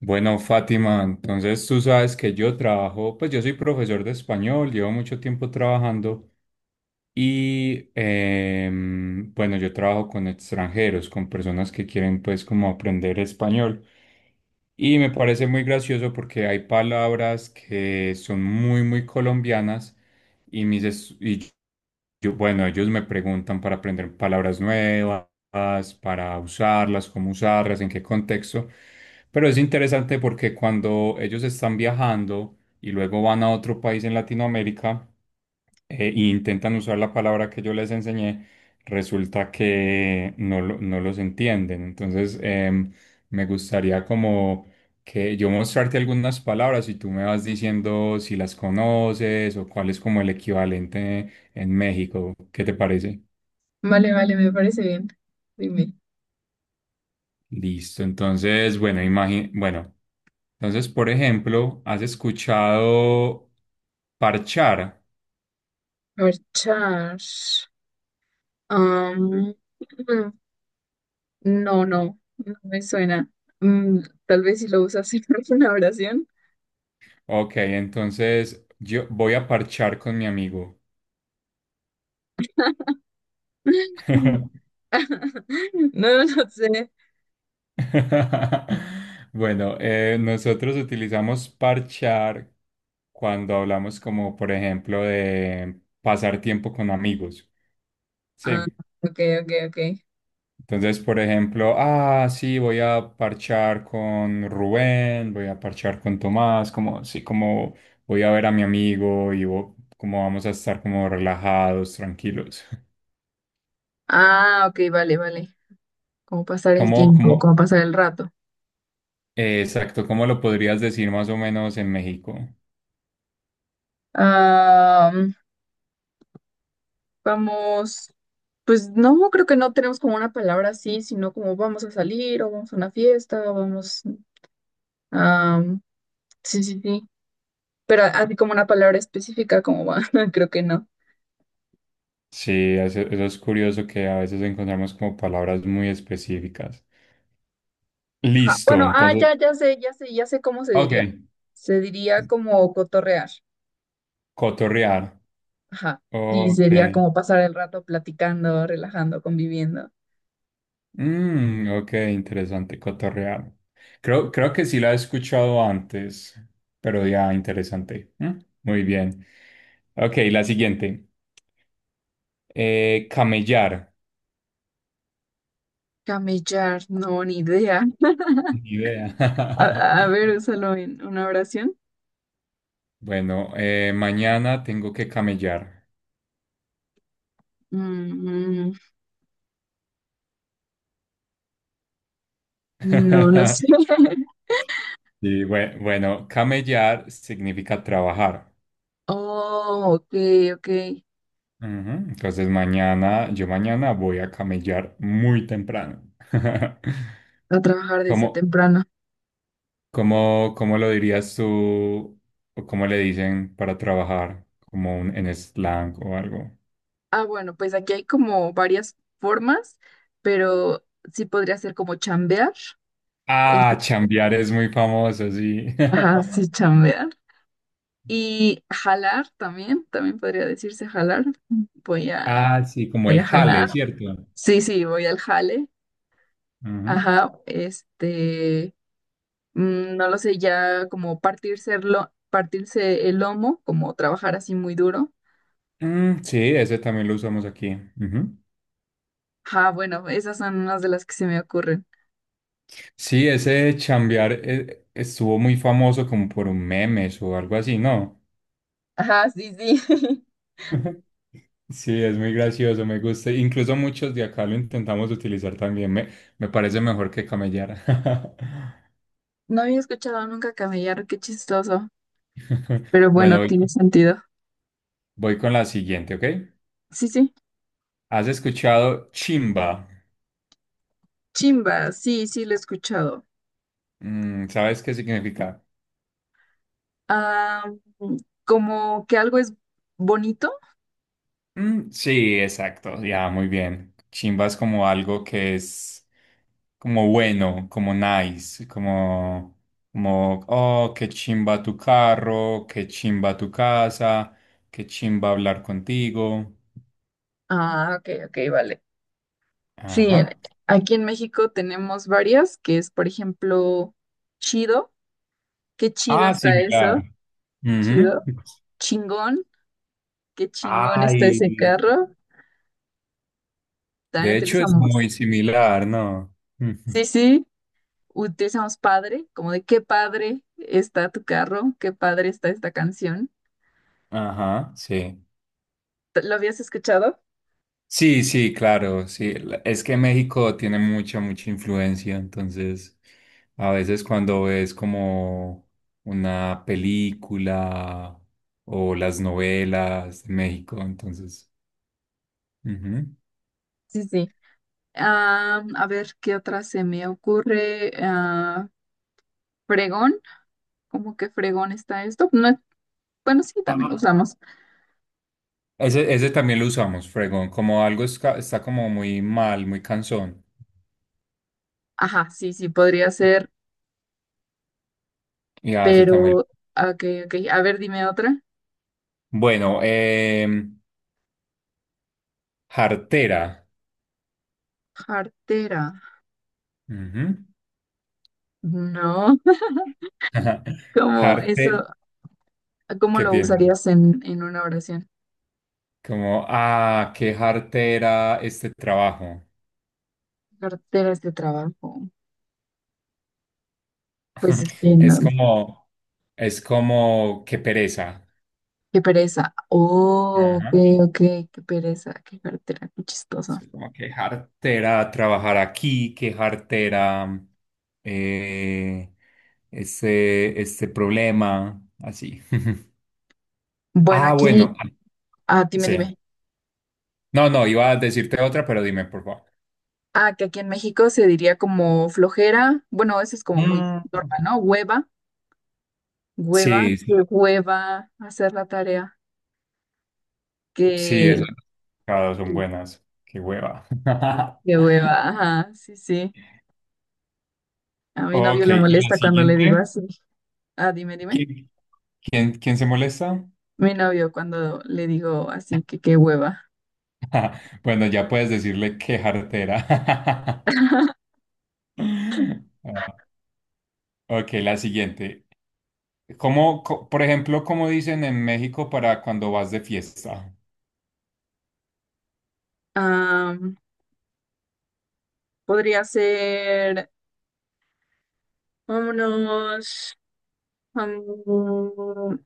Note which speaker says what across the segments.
Speaker 1: Bueno, Fátima, entonces tú sabes que yo trabajo, pues yo soy profesor de español, llevo mucho tiempo trabajando y bueno, yo trabajo con extranjeros, con personas que quieren pues como aprender español. Y me parece muy gracioso porque hay palabras que son muy, muy colombianas y y yo, bueno, ellos me preguntan para aprender palabras nuevas, para usarlas, cómo usarlas, en qué contexto. Pero es interesante porque cuando ellos están viajando, y luego van a otro país en Latinoamérica e intentan usar la palabra que yo les enseñé, resulta que no, no los entienden. Entonces, me gustaría como que yo mostrarte algunas palabras y tú me vas diciendo si las conoces o cuál es como el equivalente en México. ¿Qué te parece?
Speaker 2: Vale, vale, me parece bien. Dime.
Speaker 1: Listo. Entonces, bueno, bueno, entonces, por ejemplo, ¿has escuchado parchar?
Speaker 2: Marchar. Am, mm, no me suena. Mm, tal vez si lo usas en una oración.
Speaker 1: Ok, entonces yo voy a parchar con mi amigo.
Speaker 2: Mm. No, no sé.
Speaker 1: Bueno, nosotros utilizamos parchar cuando hablamos como, por ejemplo, de pasar tiempo con amigos.
Speaker 2: Ah,
Speaker 1: Sí.
Speaker 2: ok, ok, ok.
Speaker 1: Entonces, por ejemplo, ah, sí, voy a parchar con Rubén, voy a parchar con Tomás, como, sí, como voy a ver a mi amigo y como vamos a estar como relajados, tranquilos.
Speaker 2: Ah, ok, vale, vale. Cómo pasar el
Speaker 1: Como,
Speaker 2: tiempo,
Speaker 1: como,
Speaker 2: cómo pasar el rato.
Speaker 1: eh, exacto, ¿cómo lo podrías decir más o menos en México?
Speaker 2: Am, vamos. Pues no, creo que no tenemos como una palabra así, sino como vamos a salir o vamos a una fiesta o vamos, sí, sí, sí. Pero así como una palabra específica, como va, creo que no.
Speaker 1: Sí, eso es curioso que a veces encontramos como palabras muy específicas.
Speaker 2: Ajá.
Speaker 1: Listo,
Speaker 2: Bueno, ah,
Speaker 1: entonces,
Speaker 2: ya sé cómo se
Speaker 1: ok,
Speaker 2: diría. Se diría como cotorrear.
Speaker 1: cotorrear,
Speaker 2: Ajá. Sí,
Speaker 1: ok,
Speaker 2: sería como pasar el rato platicando, relajando, conviviendo.
Speaker 1: mm, ok, interesante, cotorrear. Creo que sí la he escuchado antes, pero ya, interesante. ¿Mm? Muy bien. Ok, la siguiente, eh, camellar.
Speaker 2: Camellar, no, ni idea.
Speaker 1: Ni idea.
Speaker 2: A, a ver, úsalo en una oración.
Speaker 1: Bueno, mañana tengo que camellar.
Speaker 2: Mm, no, no sé.
Speaker 1: Y bueno, camellar significa trabajar.
Speaker 2: Oh, ok, ok.
Speaker 1: Ujú. Entonces mañana, yo mañana voy a camellar muy temprano.
Speaker 2: A trabajar desde
Speaker 1: ¿Cómo,
Speaker 2: temprano.
Speaker 1: cómo, cómo lo dirías tú? ¿O cómo le dicen para trabajar? Como un, en slang o algo.
Speaker 2: Ah, bueno, pues aquí hay como varias formas, pero sí podría ser como chambear. el-
Speaker 1: Ah, chambear es muy famoso, sí.
Speaker 2: Ajá, sí, chambear. Y jalar también, también podría decirse jalar. Voy a,
Speaker 1: Ah, sí, como
Speaker 2: voy
Speaker 1: el
Speaker 2: a
Speaker 1: jale,
Speaker 2: jalar.
Speaker 1: ¿cierto?
Speaker 2: Sí, sí, voy al jale.
Speaker 1: Ujú.
Speaker 2: Ajá, no lo sé, ya como partirse el lomo, como trabajar así muy duro.
Speaker 1: Mm, sí, ese también lo usamos aquí. Ujú.
Speaker 2: Ajá, bueno, esas son unas de las que se me ocurren.
Speaker 1: Sí, ese chambear estuvo muy famoso como por un memes o algo así, ¿no?
Speaker 2: Ajá, sí, sí.
Speaker 1: Sí, es muy gracioso, me gusta. Incluso muchos de acá lo intentamos utilizar también. Me parece mejor que camellar.
Speaker 2: No había escuchado nunca camellar, qué chistoso. Pero
Speaker 1: Bueno,
Speaker 2: bueno, tiene sentido.
Speaker 1: voy con la siguiente, ¿ok?
Speaker 2: Sí, sí.
Speaker 1: ¿Has escuchado chimba?
Speaker 2: Chimba, sí, sí, lo he escuchado.
Speaker 1: Mm, ¿sabes qué significa?
Speaker 2: Ah, mm, como que algo es bonito.
Speaker 1: Mm, sí, exacto, ya, muy bien. Chimba es como algo que es como bueno, como nice, como, como, oh, qué chimba tu carro, qué chimba tu casa, qué chimba hablar contigo.
Speaker 2: Ah, ok, ok, vale. Sí, en-
Speaker 1: Ajá.
Speaker 2: aquí en México tenemos varias, que es, por ejemplo, chido. Qué chido
Speaker 1: Ah,
Speaker 2: está
Speaker 1: similar.
Speaker 2: eso.
Speaker 1: Ujú.
Speaker 2: Chido. Chingón. Qué chingón está
Speaker 1: Ay,
Speaker 2: ese carro. También
Speaker 1: de hecho es
Speaker 2: utilizamos.
Speaker 1: muy similar, ¿no? Ujú.
Speaker 2: Sí, sí. Utilizamos padre, como de qué padre está tu carro, qué padre está esta canción.
Speaker 1: Ajá, sí.
Speaker 2: ¿Lo habías escuchado?
Speaker 1: Sí, sí, claro, sí. La- Es que México tiene mucha, mucha influencia, entonces a veces cuando ves como una película o las novelas de México, entonces... ujú.
Speaker 2: Sí, sí. A ver qué otra se me ocurre. Ah, fregón, ¿cómo que fregón está esto? No es- bueno, sí, también lo
Speaker 1: Ah.
Speaker 2: usamos.
Speaker 1: Ese también lo usamos, fregón, como algo está como muy mal, muy cansón.
Speaker 2: Ajá, sí, sí, podría ser,
Speaker 1: Y hace
Speaker 2: pero,
Speaker 1: también.
Speaker 2: ok, ok. A ver, dime otra.
Speaker 1: Bueno, jartera.
Speaker 2: Cartera.
Speaker 1: Ujú.
Speaker 2: No, ¿cómo eso,
Speaker 1: Jarte,
Speaker 2: cómo
Speaker 1: ¿qué
Speaker 2: lo
Speaker 1: piensas?
Speaker 2: usarías en una oración?
Speaker 1: Como, ah, qué jartera este trabajo.
Speaker 2: Carteras de trabajo. Pues es que
Speaker 1: Es
Speaker 2: no,
Speaker 1: como, es como, qué pereza.
Speaker 2: qué pereza. Oh, ok,
Speaker 1: Ajá.
Speaker 2: ok, qué pereza, qué cartera, qué chistoso.
Speaker 1: Sí, como qué jartera trabajar aquí, qué jartera eh, este problema, así.
Speaker 2: Bueno,
Speaker 1: Ah,
Speaker 2: aquí,
Speaker 1: bueno, ah,
Speaker 2: ah, dime, dime.
Speaker 1: sí. No, no, iba a decirte otra, pero dime, por favor.
Speaker 2: Ah, que aquí en México se diría como flojera. Bueno, eso es como muy
Speaker 1: Mm.
Speaker 2: normal, ¿no? Hueva, hueva,
Speaker 1: Sí,
Speaker 2: que
Speaker 1: sí,
Speaker 2: hueva hacer la tarea.
Speaker 1: sí,
Speaker 2: Que,
Speaker 1: esas tocadas son
Speaker 2: que
Speaker 1: buenas. Qué hueva.
Speaker 2: hueva, ajá, sí, sí. A mi novio
Speaker 1: Ok,
Speaker 2: le
Speaker 1: y la
Speaker 2: molesta cuando le digo
Speaker 1: siguiente,
Speaker 2: así. Ah, dime, dime.
Speaker 1: ¿qué, ¿quién, quién se molesta?
Speaker 2: Mi novio cuando le digo así, que qué hueva.
Speaker 1: Bueno, ya puedes decirle qué jartera. Ah, ok, la siguiente. ¿Cómo, por ejemplo, cómo dicen en México para cuando vas de fiesta?
Speaker 2: Ah, podría ser, vámonos. mm,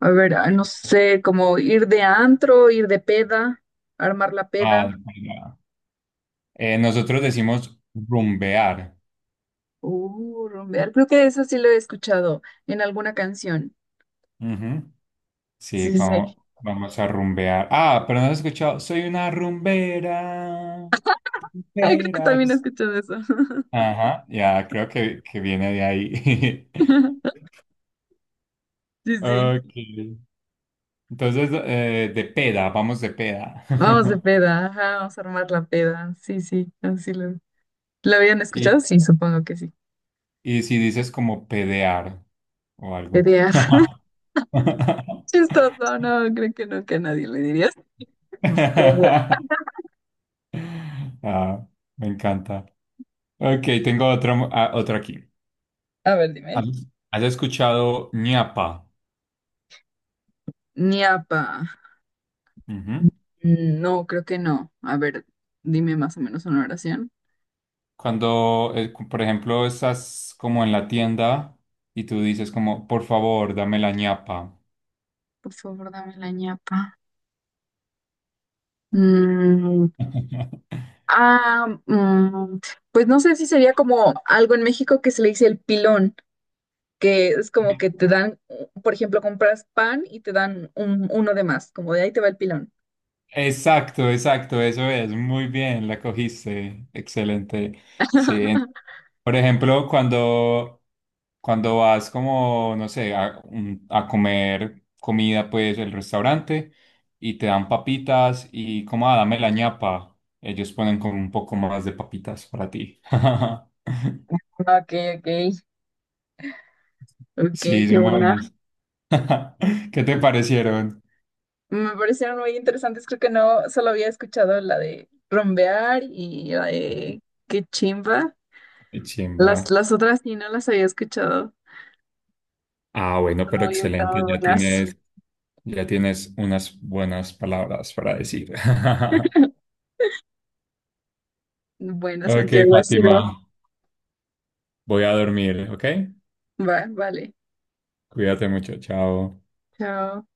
Speaker 2: a ver, ah, no sé, como ir de antro, ir de peda, armar la
Speaker 1: Ah,
Speaker 2: peda.
Speaker 1: mira. Nosotros decimos rumbear.
Speaker 2: Rumbear. Creo que eso sí lo he escuchado en alguna canción.
Speaker 1: Ujú. Sí,
Speaker 2: Sí, sí.
Speaker 1: como vamos a rumbear. Ah, pero no has escuchado. Soy una rumbera.
Speaker 2: Ay, creo que también he
Speaker 1: Rumberas.
Speaker 2: escuchado eso.
Speaker 1: Ajá, ya, creo que viene de ahí.
Speaker 2: Sí, sí.
Speaker 1: Ok. Entonces, de peda, vamos de peda.
Speaker 2: Vamos de peda, ajá, vamos a armar la peda. Sí, sí, ¿lo habían
Speaker 1: Y,
Speaker 2: escuchado? Sí, supongo que sí.
Speaker 1: y si dices como pedear o algo.
Speaker 2: Pedear. Chistoso, no, creo que nunca a nadie le diría pedear.
Speaker 1: Ah, me encanta. Ok, tengo ah, otra aquí.
Speaker 2: A ver, dime.
Speaker 1: ¿Has has escuchado ñapa?
Speaker 2: Ñapa.
Speaker 1: Ujú.
Speaker 2: No, creo que no. A ver, dime más o menos una oración.
Speaker 1: Cuando, por ejemplo, estás como en la tienda y tú dices como, por favor, dame la ñapa.
Speaker 2: Por favor, dame la ñapa. Mm, ah, mm, pues no sé si sería como algo en México que se le dice el pilón, que es como que te dan, por ejemplo, compras pan y te dan uno de más, como de ahí te va el pilón.
Speaker 1: Exacto, exacto, eso es, muy bien, la cogiste, excelente. Sí, en- por ejemplo, cuando, cuando vas como, no sé, a, a comer comida, pues, el restaurante, y te dan papitas y como, ah, dame la ñapa, ellos ponen como un poco más de papitas para ti.
Speaker 2: Ok, ok, ok,
Speaker 1: Sí,
Speaker 2: qué
Speaker 1: son
Speaker 2: buena.
Speaker 1: buenas. ¿Qué te parecieron?
Speaker 2: Me parecieron muy interesantes, creo que no solo había escuchado la de rompear y la de qué chimba.
Speaker 1: Qué chimba.
Speaker 2: Las otras sí no las había escuchado.
Speaker 1: Ah, bueno, pero
Speaker 2: No, y están
Speaker 1: excelente,
Speaker 2: muy
Speaker 1: ya
Speaker 2: buenas.
Speaker 1: tienes, ya tienes unas buenas palabras para decir.
Speaker 2: Buenas,
Speaker 1: Ok,
Speaker 2: Santiago, ha
Speaker 1: Fátima,
Speaker 2: sido.
Speaker 1: voy a dormir, ¿ok?
Speaker 2: Va, vale.
Speaker 1: Cuídate mucho, chao.
Speaker 2: Chao.